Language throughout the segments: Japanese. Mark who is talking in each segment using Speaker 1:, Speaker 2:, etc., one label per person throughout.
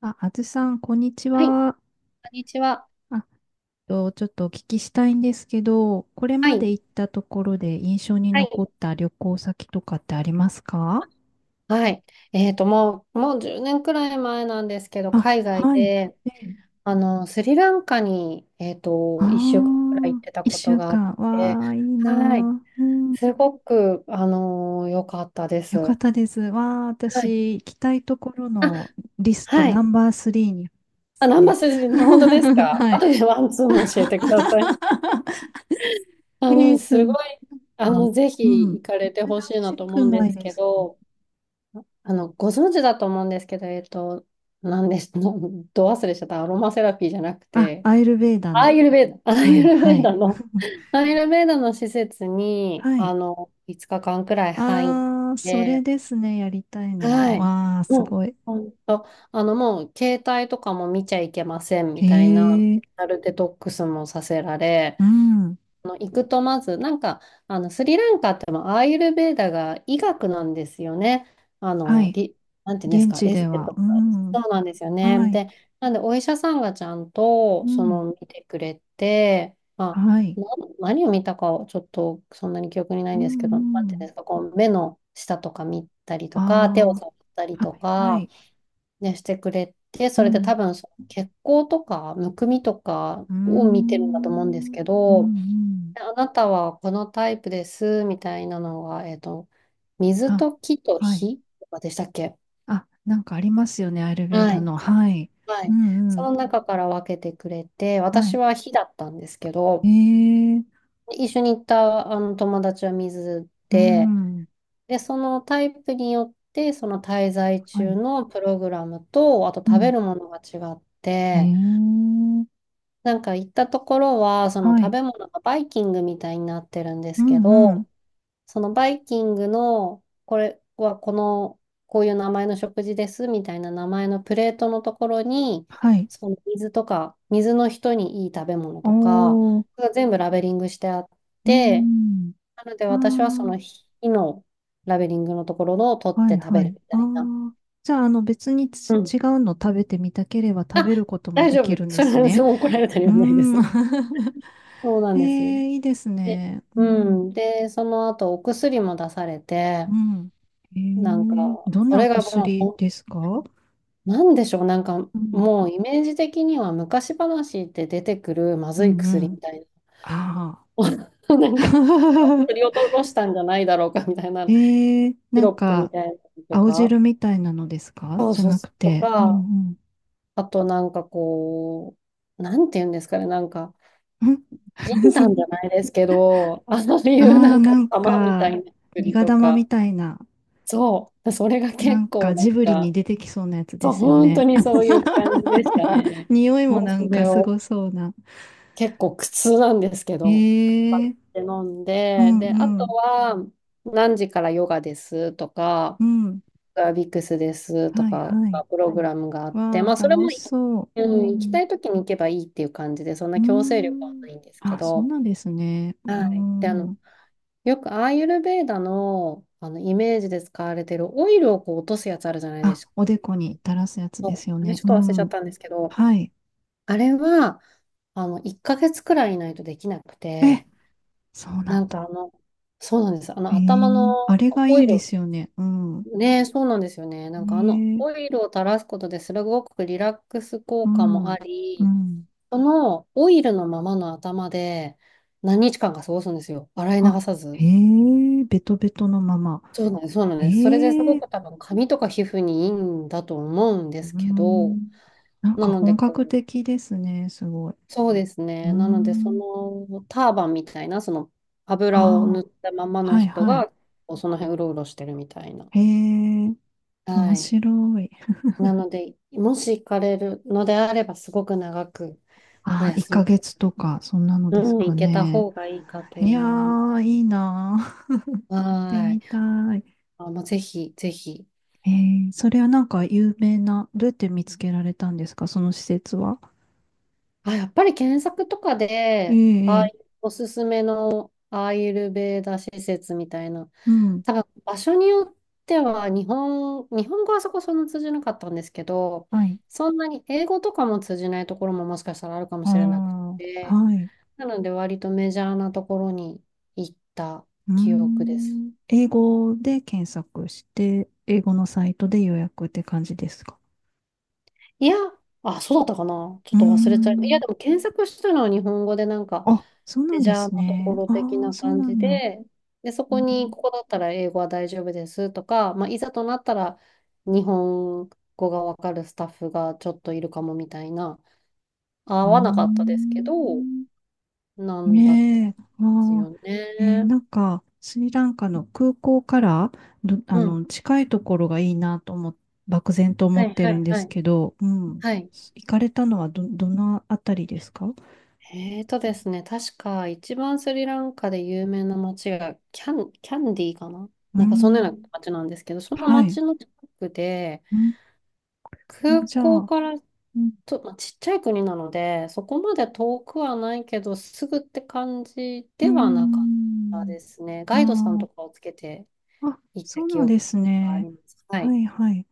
Speaker 1: あ、あずさん、こんにち
Speaker 2: はい、こ
Speaker 1: は。
Speaker 2: んにちは。
Speaker 1: あ、ちょっとお聞きしたいんですけど、これ
Speaker 2: は
Speaker 1: ま
Speaker 2: い、
Speaker 1: で行ったところで印象に
Speaker 2: はい、
Speaker 1: 残った旅行先とかってありますか？
Speaker 2: はい。もう10年くらい前なんですけど、
Speaker 1: あ、
Speaker 2: 海外
Speaker 1: はい。
Speaker 2: で、
Speaker 1: ね。
Speaker 2: スリランカに、
Speaker 1: あ
Speaker 2: 1週間くらい行っ
Speaker 1: あ、
Speaker 2: てた
Speaker 1: 一
Speaker 2: こと
Speaker 1: 週
Speaker 2: があっ
Speaker 1: 間。
Speaker 2: て、
Speaker 1: わあ、いいな
Speaker 2: はい、
Speaker 1: ー。うん、
Speaker 2: すごく、良かったです。
Speaker 1: よか
Speaker 2: は
Speaker 1: ったです。わあ、
Speaker 2: い。
Speaker 1: 私、行きたいところ
Speaker 2: あ、
Speaker 1: のリスト
Speaker 2: は
Speaker 1: ナ
Speaker 2: い。
Speaker 1: ンバースリーにで
Speaker 2: あ、
Speaker 1: す
Speaker 2: ナン
Speaker 1: ね。
Speaker 2: バスジの本当です か？
Speaker 1: はい。
Speaker 2: 後でワンツーも教えてください。あ
Speaker 1: えー、
Speaker 2: の、
Speaker 1: す
Speaker 2: す
Speaker 1: ご
Speaker 2: ご
Speaker 1: い。
Speaker 2: い、あ
Speaker 1: あ、
Speaker 2: の、ぜ
Speaker 1: う
Speaker 2: ひ
Speaker 1: ん。
Speaker 2: 行
Speaker 1: 珍
Speaker 2: かれてほしいな
Speaker 1: し
Speaker 2: と
Speaker 1: く
Speaker 2: 思うん
Speaker 1: な
Speaker 2: で
Speaker 1: い
Speaker 2: す
Speaker 1: で
Speaker 2: け
Speaker 1: すか？
Speaker 2: ど、ご存知だと思うんですけど、何です、ど忘れしちゃった、アロマセラピーじゃなく
Speaker 1: あ、
Speaker 2: て、
Speaker 1: アイルベーダ
Speaker 2: アー
Speaker 1: の。
Speaker 2: ユルベーダ、アー
Speaker 1: は
Speaker 2: ユ
Speaker 1: い、
Speaker 2: ルベ
Speaker 1: は
Speaker 2: ー
Speaker 1: い、
Speaker 2: ダの、アーユルベーダの施設に、
Speaker 1: はい。
Speaker 2: 5日間くらい入っ
Speaker 1: ああ、それ
Speaker 2: て、
Speaker 1: ですね、やりたいのは。
Speaker 2: はい。
Speaker 1: わあ、す
Speaker 2: も
Speaker 1: ご
Speaker 2: う、
Speaker 1: い。
Speaker 2: ほんと、携帯とかも見ちゃいけません
Speaker 1: へ
Speaker 2: みたいな、
Speaker 1: え、
Speaker 2: デジタルデトックスもさせられ、
Speaker 1: うん、
Speaker 2: あの行くとまず、スリランカってもアーユルヴェーダが医学なんですよね。あ
Speaker 1: は
Speaker 2: の、
Speaker 1: い。
Speaker 2: り、なんていうんです
Speaker 1: 現
Speaker 2: か、
Speaker 1: 地
Speaker 2: エス
Speaker 1: で
Speaker 2: テ
Speaker 1: は、
Speaker 2: と
Speaker 1: う
Speaker 2: か、
Speaker 1: ん、
Speaker 2: そうなんですよ
Speaker 1: は
Speaker 2: ね。
Speaker 1: い、
Speaker 2: で、なんでお医者さんがちゃん
Speaker 1: う
Speaker 2: と、そ
Speaker 1: ん、
Speaker 2: の、見てくれて、
Speaker 1: はい、
Speaker 2: あ、な、何を見たかをちょっとそんなに記憶にない
Speaker 1: う
Speaker 2: んですけど、なん
Speaker 1: ん、う
Speaker 2: ていうんで
Speaker 1: ん。
Speaker 2: すか、こう、目の下とか見たりとか、手を
Speaker 1: あ
Speaker 2: 触ったり
Speaker 1: あ、
Speaker 2: と
Speaker 1: はい、は
Speaker 2: か、
Speaker 1: い、
Speaker 2: ね、してくれて、
Speaker 1: う
Speaker 2: それで多
Speaker 1: ん、
Speaker 2: 分、その血行とか、むくみとか
Speaker 1: うー
Speaker 2: を見てるんだと思うんです
Speaker 1: ん、うん、
Speaker 2: け
Speaker 1: う
Speaker 2: ど、
Speaker 1: ん。
Speaker 2: あなたはこのタイプです、みたいなのが、水
Speaker 1: あ、
Speaker 2: と木と
Speaker 1: はい。
Speaker 2: 火とかでしたっけ？
Speaker 1: あ、なんかありますよね、アイルベー
Speaker 2: は
Speaker 1: ダ
Speaker 2: い。
Speaker 1: の。
Speaker 2: か、
Speaker 1: はい、
Speaker 2: は
Speaker 1: う
Speaker 2: い。
Speaker 1: ん、う
Speaker 2: そ
Speaker 1: ん、
Speaker 2: の中から分けてくれて、
Speaker 1: は
Speaker 2: 私
Speaker 1: い。
Speaker 2: は火だったんですけ
Speaker 1: へ
Speaker 2: ど、
Speaker 1: え、
Speaker 2: 一緒に行ったあの友達は水
Speaker 1: う
Speaker 2: で、
Speaker 1: ん、
Speaker 2: で、そのタイプによって、その滞在
Speaker 1: は
Speaker 2: 中
Speaker 1: い。
Speaker 2: のプログラムと、あと
Speaker 1: う
Speaker 2: 食べ
Speaker 1: ん、
Speaker 2: るものが違っ
Speaker 1: へえ、
Speaker 2: て、なんか行ったところは、その
Speaker 1: は
Speaker 2: 食
Speaker 1: い。
Speaker 2: べ物がバイキングみたいになってるんで
Speaker 1: う
Speaker 2: すけ
Speaker 1: んうん。
Speaker 2: ど、そのバイキングの、これはこの、こういう名前の食事ですみたいな名前のプレートのところに、
Speaker 1: はい。
Speaker 2: その水とか、水の人にいい食べ物
Speaker 1: お
Speaker 2: とか、
Speaker 1: ー、
Speaker 2: それが全部ラベリングしてあっ
Speaker 1: う
Speaker 2: て、
Speaker 1: ん。
Speaker 2: なので私はそ
Speaker 1: あ
Speaker 2: の日のラベリングのところのを取
Speaker 1: あ、
Speaker 2: っ
Speaker 1: はい
Speaker 2: て食
Speaker 1: は
Speaker 2: べる
Speaker 1: い。
Speaker 2: み
Speaker 1: あ
Speaker 2: たいな。
Speaker 1: あ。じゃあ、あの、別に
Speaker 2: うん。
Speaker 1: 違うの食べてみたければ食
Speaker 2: あ、
Speaker 1: べることも
Speaker 2: 大
Speaker 1: で
Speaker 2: 丈
Speaker 1: き
Speaker 2: 夫。
Speaker 1: るんで
Speaker 2: そ
Speaker 1: す
Speaker 2: れは
Speaker 1: ね。
Speaker 2: 怒られたり
Speaker 1: うー
Speaker 2: はないで
Speaker 1: ん。
Speaker 2: す。そう なん
Speaker 1: え
Speaker 2: です。
Speaker 1: え、いいです
Speaker 2: で、
Speaker 1: ね。う
Speaker 2: う
Speaker 1: ん。
Speaker 2: ん。で、その後お薬も出されて、
Speaker 1: うん。え
Speaker 2: なんか、
Speaker 1: え、どん
Speaker 2: そ
Speaker 1: なお
Speaker 2: れがも
Speaker 1: 薬
Speaker 2: う
Speaker 1: ですか？
Speaker 2: なんでしょう、
Speaker 1: うん。
Speaker 2: もうイメージ的には昔話って出てくるま
Speaker 1: う
Speaker 2: ずい
Speaker 1: んう
Speaker 2: 薬み
Speaker 1: ん。
Speaker 2: たい
Speaker 1: あ
Speaker 2: な、な
Speaker 1: あ。
Speaker 2: んか取り 落としたんじゃないだろうかみたいな、
Speaker 1: えー、
Speaker 2: シ
Speaker 1: なん
Speaker 2: ロップみ
Speaker 1: か、
Speaker 2: たいなのと
Speaker 1: 青
Speaker 2: か、
Speaker 1: 汁みたいなのですか？
Speaker 2: そう
Speaker 1: じゃ
Speaker 2: そう、
Speaker 1: なく
Speaker 2: と
Speaker 1: て。う
Speaker 2: か、
Speaker 1: ん
Speaker 2: あとなんかこう、なんて言うんですかね、
Speaker 1: うん。ん。
Speaker 2: 人丹じゃ ないですけど、あのいうな
Speaker 1: ああ、
Speaker 2: んか
Speaker 1: なん
Speaker 2: 玉みた
Speaker 1: か、
Speaker 2: いな薬
Speaker 1: 苦
Speaker 2: と
Speaker 1: 玉み
Speaker 2: か、
Speaker 1: たいな、
Speaker 2: そう、それが
Speaker 1: な
Speaker 2: 結
Speaker 1: ん
Speaker 2: 構
Speaker 1: か
Speaker 2: なん
Speaker 1: ジブリに
Speaker 2: か、
Speaker 1: 出てきそうなやつ
Speaker 2: そ
Speaker 1: で
Speaker 2: う、
Speaker 1: すよ
Speaker 2: 本当
Speaker 1: ね。
Speaker 2: にそういう感じでした ね。
Speaker 1: 匂いも
Speaker 2: もう
Speaker 1: な
Speaker 2: そ
Speaker 1: んか
Speaker 2: れ
Speaker 1: す
Speaker 2: を。
Speaker 1: ごそうな。
Speaker 2: 結構苦痛なんですけ
Speaker 1: え
Speaker 2: ど、頑張っ
Speaker 1: ー、
Speaker 2: て飲ん
Speaker 1: う
Speaker 2: で、
Speaker 1: ん
Speaker 2: で、あ
Speaker 1: う
Speaker 2: と
Speaker 1: ん、
Speaker 2: は、何時からヨガですとか、
Speaker 1: うん。
Speaker 2: ビックスですと
Speaker 1: はい
Speaker 2: か、
Speaker 1: はい。
Speaker 2: プログラムがあって、
Speaker 1: わあ、
Speaker 2: まあ、それも、
Speaker 1: 楽しそう。う
Speaker 2: うん、行き
Speaker 1: ん。
Speaker 2: たい時に行けばいいっていう感じで、そん
Speaker 1: う
Speaker 2: な
Speaker 1: ー
Speaker 2: 強制力はな
Speaker 1: ん。
Speaker 2: いんですけ
Speaker 1: あ、そう
Speaker 2: ど、
Speaker 1: なんですね。
Speaker 2: は
Speaker 1: う
Speaker 2: い。で、
Speaker 1: ん。
Speaker 2: よくアーユルヴェーダの、あのイメージで使われてるオイルをこう落とすやつあるじゃないで
Speaker 1: あ、
Speaker 2: すか。
Speaker 1: おでこに垂らすやつで
Speaker 2: そ
Speaker 1: す
Speaker 2: う
Speaker 1: よ
Speaker 2: あれ
Speaker 1: ね。
Speaker 2: ちょっ
Speaker 1: う
Speaker 2: と忘れちゃっ
Speaker 1: ん。
Speaker 2: たんですけど、
Speaker 1: はい。
Speaker 2: あれは、1ヶ月くらいいないとできなく
Speaker 1: え、
Speaker 2: て、
Speaker 1: そうな
Speaker 2: な
Speaker 1: ん
Speaker 2: んかあ
Speaker 1: だ。
Speaker 2: の、そうなんです。あの
Speaker 1: へ
Speaker 2: 頭
Speaker 1: え。あ
Speaker 2: の
Speaker 1: れがい
Speaker 2: オ
Speaker 1: いん
Speaker 2: イル
Speaker 1: で
Speaker 2: を、
Speaker 1: すよね。うん。
Speaker 2: ね、そうなんですよね。
Speaker 1: へ
Speaker 2: なんかあの
Speaker 1: え。
Speaker 2: オイルを垂らすことですごくリラックス
Speaker 1: う
Speaker 2: 効果も
Speaker 1: ん。
Speaker 2: あ
Speaker 1: う
Speaker 2: り、
Speaker 1: ん。
Speaker 2: そのオイルのままの頭で何日間か過ごすんですよ。洗い流
Speaker 1: あ、
Speaker 2: さ
Speaker 1: へ
Speaker 2: ず。
Speaker 1: え。ベトベトのまま。
Speaker 2: そうなんです、そうなん
Speaker 1: へ
Speaker 2: です。それです
Speaker 1: え。
Speaker 2: ご
Speaker 1: う
Speaker 2: く多分髪とか皮膚にいいんだと思うんで
Speaker 1: ー
Speaker 2: すけど、
Speaker 1: ん。なん
Speaker 2: な
Speaker 1: か
Speaker 2: ので
Speaker 1: 本格
Speaker 2: こう、
Speaker 1: 的ですね。すごい。
Speaker 2: そうです
Speaker 1: うー
Speaker 2: ね。なのでそ
Speaker 1: ん。
Speaker 2: のターバンみたいな、その油を塗
Speaker 1: ああ。
Speaker 2: ったままの
Speaker 1: はい
Speaker 2: 人
Speaker 1: はい。
Speaker 2: が、こうその辺うろうろしてるみたいな。
Speaker 1: へえ。面
Speaker 2: はい。
Speaker 1: 白い。
Speaker 2: なので、もし行かれるのであれば、すごく長くお
Speaker 1: ああ、1
Speaker 2: 休み
Speaker 1: ヶ
Speaker 2: を、
Speaker 1: 月とか、そんなの
Speaker 2: う
Speaker 1: です
Speaker 2: ん、
Speaker 1: か
Speaker 2: 行けた
Speaker 1: ね。
Speaker 2: 方がいいかと
Speaker 1: いや
Speaker 2: 思います。
Speaker 1: ー、いいなー。って
Speaker 2: は
Speaker 1: み
Speaker 2: い。
Speaker 1: たい。
Speaker 2: あ、もうぜひ、ぜひ。
Speaker 1: えそれはなんか有名な、どうやって見つけられたんですか、その施設は？
Speaker 2: あ、やっぱり検索とか
Speaker 1: え
Speaker 2: で、ああ
Speaker 1: え、
Speaker 2: い
Speaker 1: ええ、
Speaker 2: うおすすめのアーユルベーダ施設みたいな、
Speaker 1: うん。
Speaker 2: 多分場所によっては、日本語はそこそんな通じなかったんですけど、
Speaker 1: はい。
Speaker 2: そんなに英語とかも通じないところももしかしたらあるかも
Speaker 1: あ
Speaker 2: しれなく
Speaker 1: あ、
Speaker 2: て、
Speaker 1: はい。
Speaker 2: なので割とメジャーなところに行った
Speaker 1: うー
Speaker 2: 記憶です。
Speaker 1: ん。英語で検索して、英語のサイトで予約って感じですか？
Speaker 2: いや、あ、そうだったかな。ち
Speaker 1: う
Speaker 2: ょっ
Speaker 1: ー
Speaker 2: と忘れちゃい、い
Speaker 1: ん。
Speaker 2: や、でも検索したのは日本語でなんか
Speaker 1: あ、そうな
Speaker 2: メ
Speaker 1: ん
Speaker 2: ジ
Speaker 1: で
Speaker 2: ャ
Speaker 1: す
Speaker 2: ーなとこ
Speaker 1: ね。
Speaker 2: ろ的
Speaker 1: ああ、
Speaker 2: な
Speaker 1: そう
Speaker 2: 感
Speaker 1: な
Speaker 2: じ
Speaker 1: んだ。
Speaker 2: で、で、そ
Speaker 1: う
Speaker 2: こに
Speaker 1: ん。
Speaker 2: ここだったら英語は大丈夫ですとか、まあ、いざとなったら日本語がわかるスタッフがちょっといるかもみたいな、合
Speaker 1: うー
Speaker 2: わなかったですけど、
Speaker 1: ん。
Speaker 2: なんだったんで
Speaker 1: ねえ、
Speaker 2: すよね。
Speaker 1: なんか、スリランカの空港からあ
Speaker 2: うん。
Speaker 1: の、近いところがいいなと漠然と思
Speaker 2: は
Speaker 1: っ
Speaker 2: い
Speaker 1: て
Speaker 2: は
Speaker 1: るん
Speaker 2: い
Speaker 1: で
Speaker 2: は
Speaker 1: す
Speaker 2: い。
Speaker 1: けど、うん。
Speaker 2: はい。
Speaker 1: 行かれたのはどのあたりですか？
Speaker 2: えーとですね、確か一番スリランカで有名な街がキャンディーかな、
Speaker 1: う
Speaker 2: なんかそんなような
Speaker 1: ん。
Speaker 2: 街なんですけど、その
Speaker 1: はい。
Speaker 2: 街の近くで、
Speaker 1: うん。
Speaker 2: 空
Speaker 1: じゃ
Speaker 2: 港
Speaker 1: あ、
Speaker 2: から
Speaker 1: うん。
Speaker 2: と、まあ、ちっちゃい国なので、そこまで遠くはないけど、すぐって感じ
Speaker 1: うー
Speaker 2: ではなかった
Speaker 1: ん、
Speaker 2: ですね。ガイドさん
Speaker 1: あ
Speaker 2: とかをつけて
Speaker 1: あ、あ、
Speaker 2: 行った
Speaker 1: そう
Speaker 2: 記
Speaker 1: なんで
Speaker 2: 憶
Speaker 1: す
Speaker 2: があ
Speaker 1: ね。
Speaker 2: ります。は
Speaker 1: は
Speaker 2: い。
Speaker 1: いはい。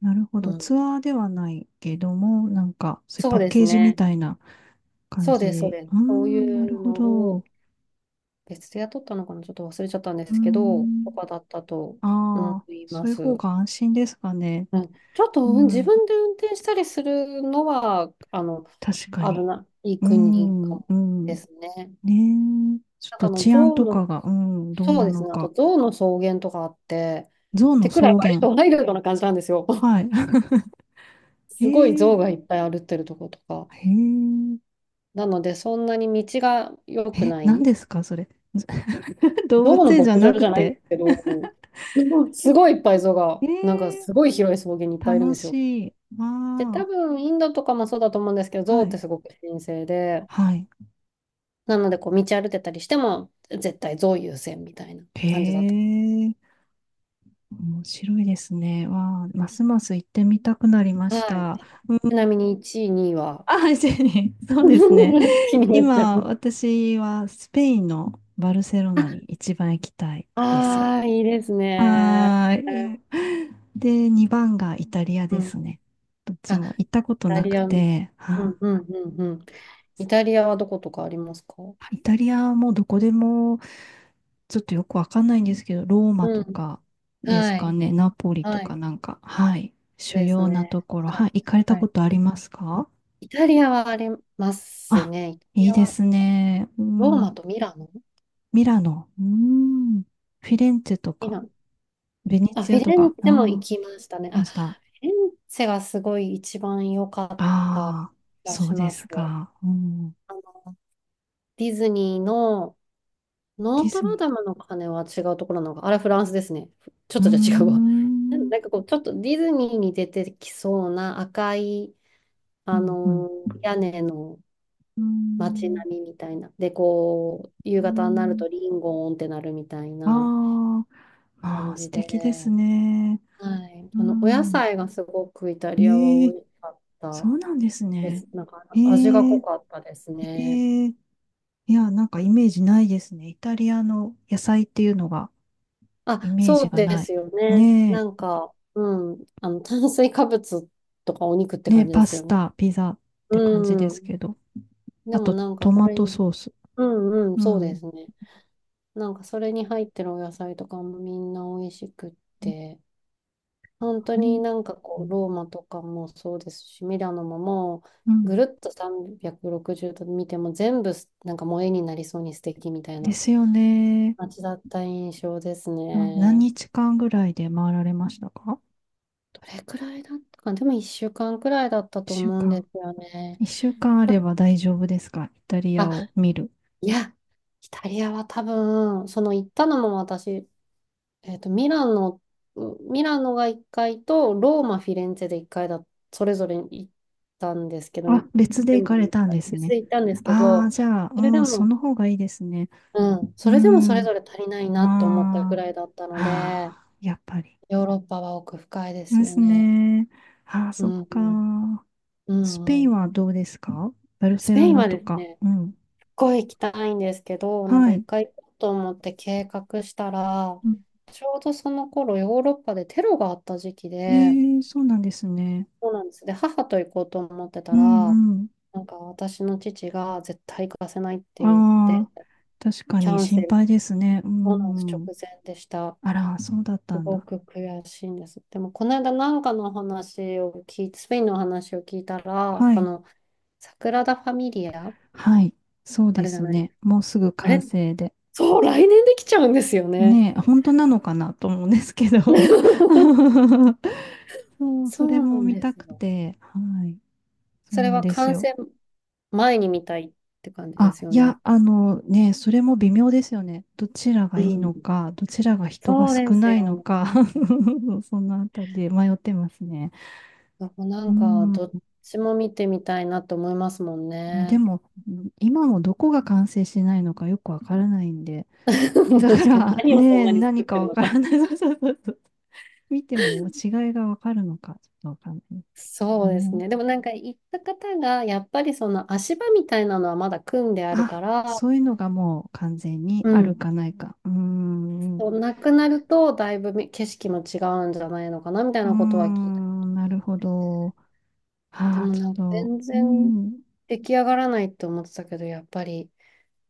Speaker 1: なるほ
Speaker 2: う
Speaker 1: ど。
Speaker 2: ん。
Speaker 1: ツアーではないけども、なんか、そういう
Speaker 2: そ
Speaker 1: パ
Speaker 2: う
Speaker 1: ッ
Speaker 2: で
Speaker 1: ケ
Speaker 2: す
Speaker 1: ージみ
Speaker 2: ね。
Speaker 1: たいな感
Speaker 2: そうです、そう
Speaker 1: じ。
Speaker 2: です。
Speaker 1: うー
Speaker 2: そうい
Speaker 1: ん、なる
Speaker 2: う
Speaker 1: ほ
Speaker 2: のを
Speaker 1: ど。
Speaker 2: 別で雇ったのかな、ちょっと忘れちゃったんで
Speaker 1: うー
Speaker 2: すけど、と
Speaker 1: ん。
Speaker 2: かだったと思
Speaker 1: ああ、
Speaker 2: い
Speaker 1: そ
Speaker 2: ま
Speaker 1: ういう
Speaker 2: す。
Speaker 1: 方
Speaker 2: う
Speaker 1: が安心ですかね。
Speaker 2: ん、ちょっと、
Speaker 1: う
Speaker 2: うん、自
Speaker 1: ん。
Speaker 2: 分で運転したりするのは、
Speaker 1: 確か
Speaker 2: 危
Speaker 1: に。
Speaker 2: ない
Speaker 1: う
Speaker 2: 国か
Speaker 1: ん、う
Speaker 2: もで
Speaker 1: ん。
Speaker 2: すね。
Speaker 1: ねえ。ちょっ
Speaker 2: なんか
Speaker 1: と
Speaker 2: あの、
Speaker 1: 治安
Speaker 2: 象
Speaker 1: とか
Speaker 2: の、
Speaker 1: が、うん、どう
Speaker 2: そう
Speaker 1: な
Speaker 2: です
Speaker 1: の
Speaker 2: ね、あと
Speaker 1: か。
Speaker 2: 象の草原とかあって、
Speaker 1: 象
Speaker 2: っ
Speaker 1: の
Speaker 2: てく
Speaker 1: 草
Speaker 2: らい割
Speaker 1: 原。
Speaker 2: とワイルドな感じなんですよ。
Speaker 1: はい。
Speaker 2: すごい
Speaker 1: ええ、
Speaker 2: 象がいっぱい歩ってるとことか。
Speaker 1: へえ。
Speaker 2: なので、そんなに道が良く
Speaker 1: え、
Speaker 2: な
Speaker 1: 何
Speaker 2: い、
Speaker 1: ですか、それ。ず 動
Speaker 2: 象
Speaker 1: 物
Speaker 2: の
Speaker 1: 園じゃ
Speaker 2: 牧場
Speaker 1: なく
Speaker 2: じゃないんで
Speaker 1: て。
Speaker 2: すけど、すごいいっぱい象が、
Speaker 1: え
Speaker 2: なんか
Speaker 1: え、
Speaker 2: すごい広い草原にいっぱいいるん
Speaker 1: 楽
Speaker 2: ですよ。
Speaker 1: しい。わ
Speaker 2: で、多
Speaker 1: あ、
Speaker 2: 分インドとかもそうだと思うんですけど、象
Speaker 1: は
Speaker 2: っ
Speaker 1: い。
Speaker 2: てすごく神聖で、
Speaker 1: はい。
Speaker 2: なのでこう道歩いてたりしても、絶対象優先みたいな
Speaker 1: へ
Speaker 2: 感じだった。
Speaker 1: え、面白いですね。わあ、ますます行ってみたくなりまし
Speaker 2: はい。
Speaker 1: た。
Speaker 2: ちなみに1位、2位 は？
Speaker 1: あ、シェリー、そうですね。
Speaker 2: 気になっちゃ
Speaker 1: 今、
Speaker 2: う。
Speaker 1: 私はスペインのバルセロナに一番行きたいです。
Speaker 2: ああ、いいですね。
Speaker 1: はーい。で、2番がイタリア
Speaker 2: う
Speaker 1: で
Speaker 2: ん。
Speaker 1: すね。どっ
Speaker 2: あ、
Speaker 1: ち
Speaker 2: イ
Speaker 1: も行ったこと
Speaker 2: タ
Speaker 1: な
Speaker 2: リ
Speaker 1: く
Speaker 2: アの、
Speaker 1: て、
Speaker 2: う
Speaker 1: はあ。
Speaker 2: んうんうんうん。イタリアはどことかありますか？
Speaker 1: イタリアもどこでもちょっとよくわかんないんですけど、ローマ
Speaker 2: う
Speaker 1: と
Speaker 2: ん。
Speaker 1: かです
Speaker 2: は
Speaker 1: か
Speaker 2: い。
Speaker 1: ね、ナポリと
Speaker 2: は
Speaker 1: か
Speaker 2: い。
Speaker 1: なんか、はい、主
Speaker 2: です
Speaker 1: 要な
Speaker 2: ね。
Speaker 1: ところ、
Speaker 2: は
Speaker 1: は
Speaker 2: い、
Speaker 1: い、行かれた
Speaker 2: は
Speaker 1: こ
Speaker 2: い。
Speaker 1: とありますか？
Speaker 2: イタリアはあります
Speaker 1: あ、
Speaker 2: ね。イタリ
Speaker 1: いい
Speaker 2: ア
Speaker 1: で
Speaker 2: は
Speaker 1: すね。う
Speaker 2: ロー
Speaker 1: ん、
Speaker 2: マとミラノ、
Speaker 1: ミラノ、うーん、フィレンツェと
Speaker 2: ミ
Speaker 1: か、
Speaker 2: ラノ。
Speaker 1: ベネ
Speaker 2: あ、
Speaker 1: ツ
Speaker 2: フ
Speaker 1: ィア
Speaker 2: ィ
Speaker 1: と
Speaker 2: レン
Speaker 1: か、
Speaker 2: ツ
Speaker 1: あ
Speaker 2: ェも行
Speaker 1: あ、
Speaker 2: きましたね。
Speaker 1: い
Speaker 2: あ、
Speaker 1: ま
Speaker 2: フ
Speaker 1: した。
Speaker 2: ィレンツェがすごい一番良かった
Speaker 1: ああ、
Speaker 2: 気が
Speaker 1: そう
Speaker 2: し
Speaker 1: で
Speaker 2: ま
Speaker 1: す
Speaker 2: す。
Speaker 1: か。うん、
Speaker 2: あの、ディズニーの
Speaker 1: デ
Speaker 2: ノ
Speaker 1: ィ
Speaker 2: ート
Speaker 1: ズニ
Speaker 2: ル
Speaker 1: ー。
Speaker 2: ダムの鐘は違うところなのか。あれフランスですね。ちょ
Speaker 1: う
Speaker 2: っ
Speaker 1: ー
Speaker 2: とじゃ違うわ。な
Speaker 1: ん、う
Speaker 2: ん
Speaker 1: ん、
Speaker 2: なんかこう、ちょっとディズニーに出てきそうな赤い、
Speaker 1: う
Speaker 2: あ
Speaker 1: ん、
Speaker 2: の屋根の
Speaker 1: うー
Speaker 2: 街
Speaker 1: ん、
Speaker 2: 並みみたいな。で、こう、
Speaker 1: うー
Speaker 2: 夕方になる
Speaker 1: ん、
Speaker 2: とリンゴーンってなるみたい
Speaker 1: あ
Speaker 2: な
Speaker 1: あ、ま
Speaker 2: 感
Speaker 1: あ、
Speaker 2: じ
Speaker 1: 素敵です
Speaker 2: で、
Speaker 1: ね。
Speaker 2: はい。
Speaker 1: う
Speaker 2: あの、お野
Speaker 1: ん。
Speaker 2: 菜がすごくイタリア
Speaker 1: え
Speaker 2: は
Speaker 1: え、
Speaker 2: 美味しかっ
Speaker 1: そ
Speaker 2: た
Speaker 1: うなんです
Speaker 2: で
Speaker 1: ね。
Speaker 2: す。なんか、
Speaker 1: え
Speaker 2: 味が濃
Speaker 1: え、
Speaker 2: かったですね。
Speaker 1: ええ、いや、なんかイメージないですね。イタリアの野菜っていうのが。
Speaker 2: あ、
Speaker 1: イメー
Speaker 2: そ
Speaker 1: ジ
Speaker 2: う
Speaker 1: が
Speaker 2: で
Speaker 1: な
Speaker 2: す
Speaker 1: い。
Speaker 2: よね。
Speaker 1: ね
Speaker 2: なん
Speaker 1: え。
Speaker 2: か、うん、あの、炭水化物とかお肉って
Speaker 1: ね、
Speaker 2: 感じで
Speaker 1: パ
Speaker 2: す
Speaker 1: ス
Speaker 2: よね。
Speaker 1: タ、ピザって感じで
Speaker 2: う
Speaker 1: す
Speaker 2: ん。
Speaker 1: けど。
Speaker 2: で
Speaker 1: あ
Speaker 2: も
Speaker 1: と、
Speaker 2: なんか、
Speaker 1: ト
Speaker 2: そ
Speaker 1: マ
Speaker 2: れ
Speaker 1: ト
Speaker 2: に、
Speaker 1: ソース。
Speaker 2: うんうん、
Speaker 1: う
Speaker 2: そうで
Speaker 1: ん。
Speaker 2: すね。なんか、それに入ってるお野菜とかもみんな美味しくって。本当
Speaker 1: う
Speaker 2: に
Speaker 1: ん。
Speaker 2: なんかこう、ローマとかもそうですし、ミラノもも
Speaker 1: う
Speaker 2: う、
Speaker 1: ん、
Speaker 2: ぐるっと360度見ても全部すなんかもう絵になりそうに素敵みたい
Speaker 1: で
Speaker 2: な
Speaker 1: すよね。
Speaker 2: 街だった印象です
Speaker 1: あ、何
Speaker 2: ね。
Speaker 1: 日間ぐらいで回られましたか？
Speaker 2: どれくらいだったかな、でも1週間くらいだった
Speaker 1: 一
Speaker 2: と
Speaker 1: 週
Speaker 2: 思うんで
Speaker 1: 間。
Speaker 2: すよね。
Speaker 1: 一週間あれば大丈夫ですか、イタリ
Speaker 2: あ、
Speaker 1: アを見る？
Speaker 2: いや、イタリアは多分、その行ったのも私、えっと、ミラノ、ミラノが1回と、ローマ、フィレンツェで1回だ、それぞれ行ったんですけど、
Speaker 1: あ、別で
Speaker 2: で
Speaker 1: 行
Speaker 2: も
Speaker 1: かれ
Speaker 2: ね、
Speaker 1: たんです
Speaker 2: 別
Speaker 1: ね。
Speaker 2: で行ったんですけ
Speaker 1: ああ、
Speaker 2: ど、
Speaker 1: じゃあ、う
Speaker 2: それで
Speaker 1: ん、そ
Speaker 2: も、
Speaker 1: の方がいいですね。
Speaker 2: うん、そ
Speaker 1: う
Speaker 2: れでもそれ
Speaker 1: ん。
Speaker 2: ぞれ足りないなと思ったく
Speaker 1: ああ、
Speaker 2: らいだった
Speaker 1: は
Speaker 2: ので、
Speaker 1: あ、やっぱり。
Speaker 2: ヨーロッパは奥深いです
Speaker 1: で
Speaker 2: よ
Speaker 1: す
Speaker 2: ね。
Speaker 1: ね。ああ、
Speaker 2: う
Speaker 1: そっ
Speaker 2: ん、うん、
Speaker 1: か。
Speaker 2: う
Speaker 1: スペイ
Speaker 2: んう
Speaker 1: ン
Speaker 2: ん。
Speaker 1: はどうですか？バル
Speaker 2: ス
Speaker 1: セ
Speaker 2: ペ
Speaker 1: ロ
Speaker 2: イン
Speaker 1: ナ
Speaker 2: は
Speaker 1: と
Speaker 2: です
Speaker 1: か。
Speaker 2: ね、
Speaker 1: うん。
Speaker 2: すっごい行きたいんですけど、なん
Speaker 1: は
Speaker 2: か一
Speaker 1: い。
Speaker 2: 回行こうと思って計画したら、
Speaker 1: うん、
Speaker 2: ちょうどその頃ヨーロッパでテロがあった時期で、
Speaker 1: ええ、そうなんですね。
Speaker 2: そうなんです。で、母と行こうと思って
Speaker 1: う
Speaker 2: たら、
Speaker 1: んうん。
Speaker 2: なんか私の父が絶対行かせないって言っ
Speaker 1: あ
Speaker 2: て、
Speaker 1: あ、確か
Speaker 2: キ
Speaker 1: に
Speaker 2: ャンセ
Speaker 1: 心
Speaker 2: ル、
Speaker 1: 配ですね。う
Speaker 2: そうなんです、直
Speaker 1: んうん。
Speaker 2: 前でした。
Speaker 1: あら、そうだった
Speaker 2: す
Speaker 1: ん
Speaker 2: ご
Speaker 1: だ。
Speaker 2: く悔しいんです。でも、この間なんかの話を聞いて、スペインの話を聞いたら、
Speaker 1: は
Speaker 2: あ
Speaker 1: い。
Speaker 2: の、サグラダ・ファミリア、
Speaker 1: はい。そう
Speaker 2: あ
Speaker 1: で
Speaker 2: れじゃ
Speaker 1: す
Speaker 2: ないで
Speaker 1: ね。
Speaker 2: すか。
Speaker 1: もうすぐ
Speaker 2: あ
Speaker 1: 完
Speaker 2: れ、
Speaker 1: 成で。
Speaker 2: そう、来年できちゃうんですよね。
Speaker 1: ねえ、本当なのかなと思うんですけど。そう、
Speaker 2: そ
Speaker 1: それ
Speaker 2: うな
Speaker 1: も
Speaker 2: ん
Speaker 1: 見
Speaker 2: で
Speaker 1: た
Speaker 2: す
Speaker 1: く
Speaker 2: よ。
Speaker 1: て。はい。そう
Speaker 2: それ
Speaker 1: なん
Speaker 2: は
Speaker 1: です
Speaker 2: 感
Speaker 1: よ。
Speaker 2: 染前に見たいって感じで
Speaker 1: あ、
Speaker 2: すよ
Speaker 1: い
Speaker 2: ね。
Speaker 1: や、あのね、それも微妙ですよね。どちらが
Speaker 2: う
Speaker 1: いい
Speaker 2: ん、
Speaker 1: のか、どちらが人が
Speaker 2: そう
Speaker 1: 少
Speaker 2: です
Speaker 1: ない
Speaker 2: よ
Speaker 1: の
Speaker 2: ね。
Speaker 1: か、そのあたりで迷ってますね。
Speaker 2: なんか、な
Speaker 1: う
Speaker 2: んかどっ
Speaker 1: ん。
Speaker 2: ちも見てみたいなと思いますもん
Speaker 1: ね、で
Speaker 2: ね。
Speaker 1: も、今もどこが完成しないのかよくわからないんで。
Speaker 2: 確
Speaker 1: だか
Speaker 2: かに。
Speaker 1: ら、
Speaker 2: 何をそん
Speaker 1: ね、
Speaker 2: なに作
Speaker 1: 何
Speaker 2: って
Speaker 1: か
Speaker 2: る
Speaker 1: わ
Speaker 2: の
Speaker 1: か
Speaker 2: か。
Speaker 1: らない。そうそうそうそう。見ても違いがわかるのか、ちょっとわかんないです
Speaker 2: そうです
Speaker 1: ね。
Speaker 2: ね。でもなんか行った方が、やっぱりその足場みたいなのはまだ組んであるか
Speaker 1: あ、
Speaker 2: ら、
Speaker 1: そういうのがもう完全に
Speaker 2: う
Speaker 1: ある
Speaker 2: ん。
Speaker 1: かないか。うーん。
Speaker 2: そ
Speaker 1: う
Speaker 2: うなくなると、だいぶみ景色も違うんじゃないのかな、みたい
Speaker 1: ー
Speaker 2: なことは聞いたこと
Speaker 1: ん、な
Speaker 2: が
Speaker 1: るほ
Speaker 2: あって。
Speaker 1: ど。
Speaker 2: で
Speaker 1: ああ、
Speaker 2: も
Speaker 1: ち
Speaker 2: なんか
Speaker 1: ょっと、
Speaker 2: 全
Speaker 1: う
Speaker 2: 然
Speaker 1: ん、
Speaker 2: 出来上がらないって思ってたけど、やっぱり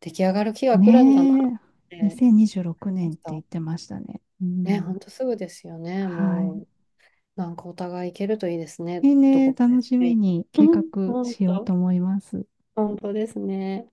Speaker 2: 出来上がる日が来るんだなっ
Speaker 1: ね
Speaker 2: て
Speaker 1: え、
Speaker 2: 思っ
Speaker 1: 2026
Speaker 2: ま
Speaker 1: 年っ
Speaker 2: し
Speaker 1: て言っ
Speaker 2: た。
Speaker 1: てましたね。う
Speaker 2: ね、ほ
Speaker 1: ん、
Speaker 2: んとすぐですよね、
Speaker 1: は
Speaker 2: も
Speaker 1: い。
Speaker 2: う。なんかお互い行けるといいですね。ど
Speaker 1: ね、
Speaker 2: こかで
Speaker 1: 楽
Speaker 2: す
Speaker 1: しみ
Speaker 2: ね。
Speaker 1: に
Speaker 2: う
Speaker 1: 計画
Speaker 2: ん、本
Speaker 1: しようと
Speaker 2: 当、
Speaker 1: 思います。
Speaker 2: 本当ですね。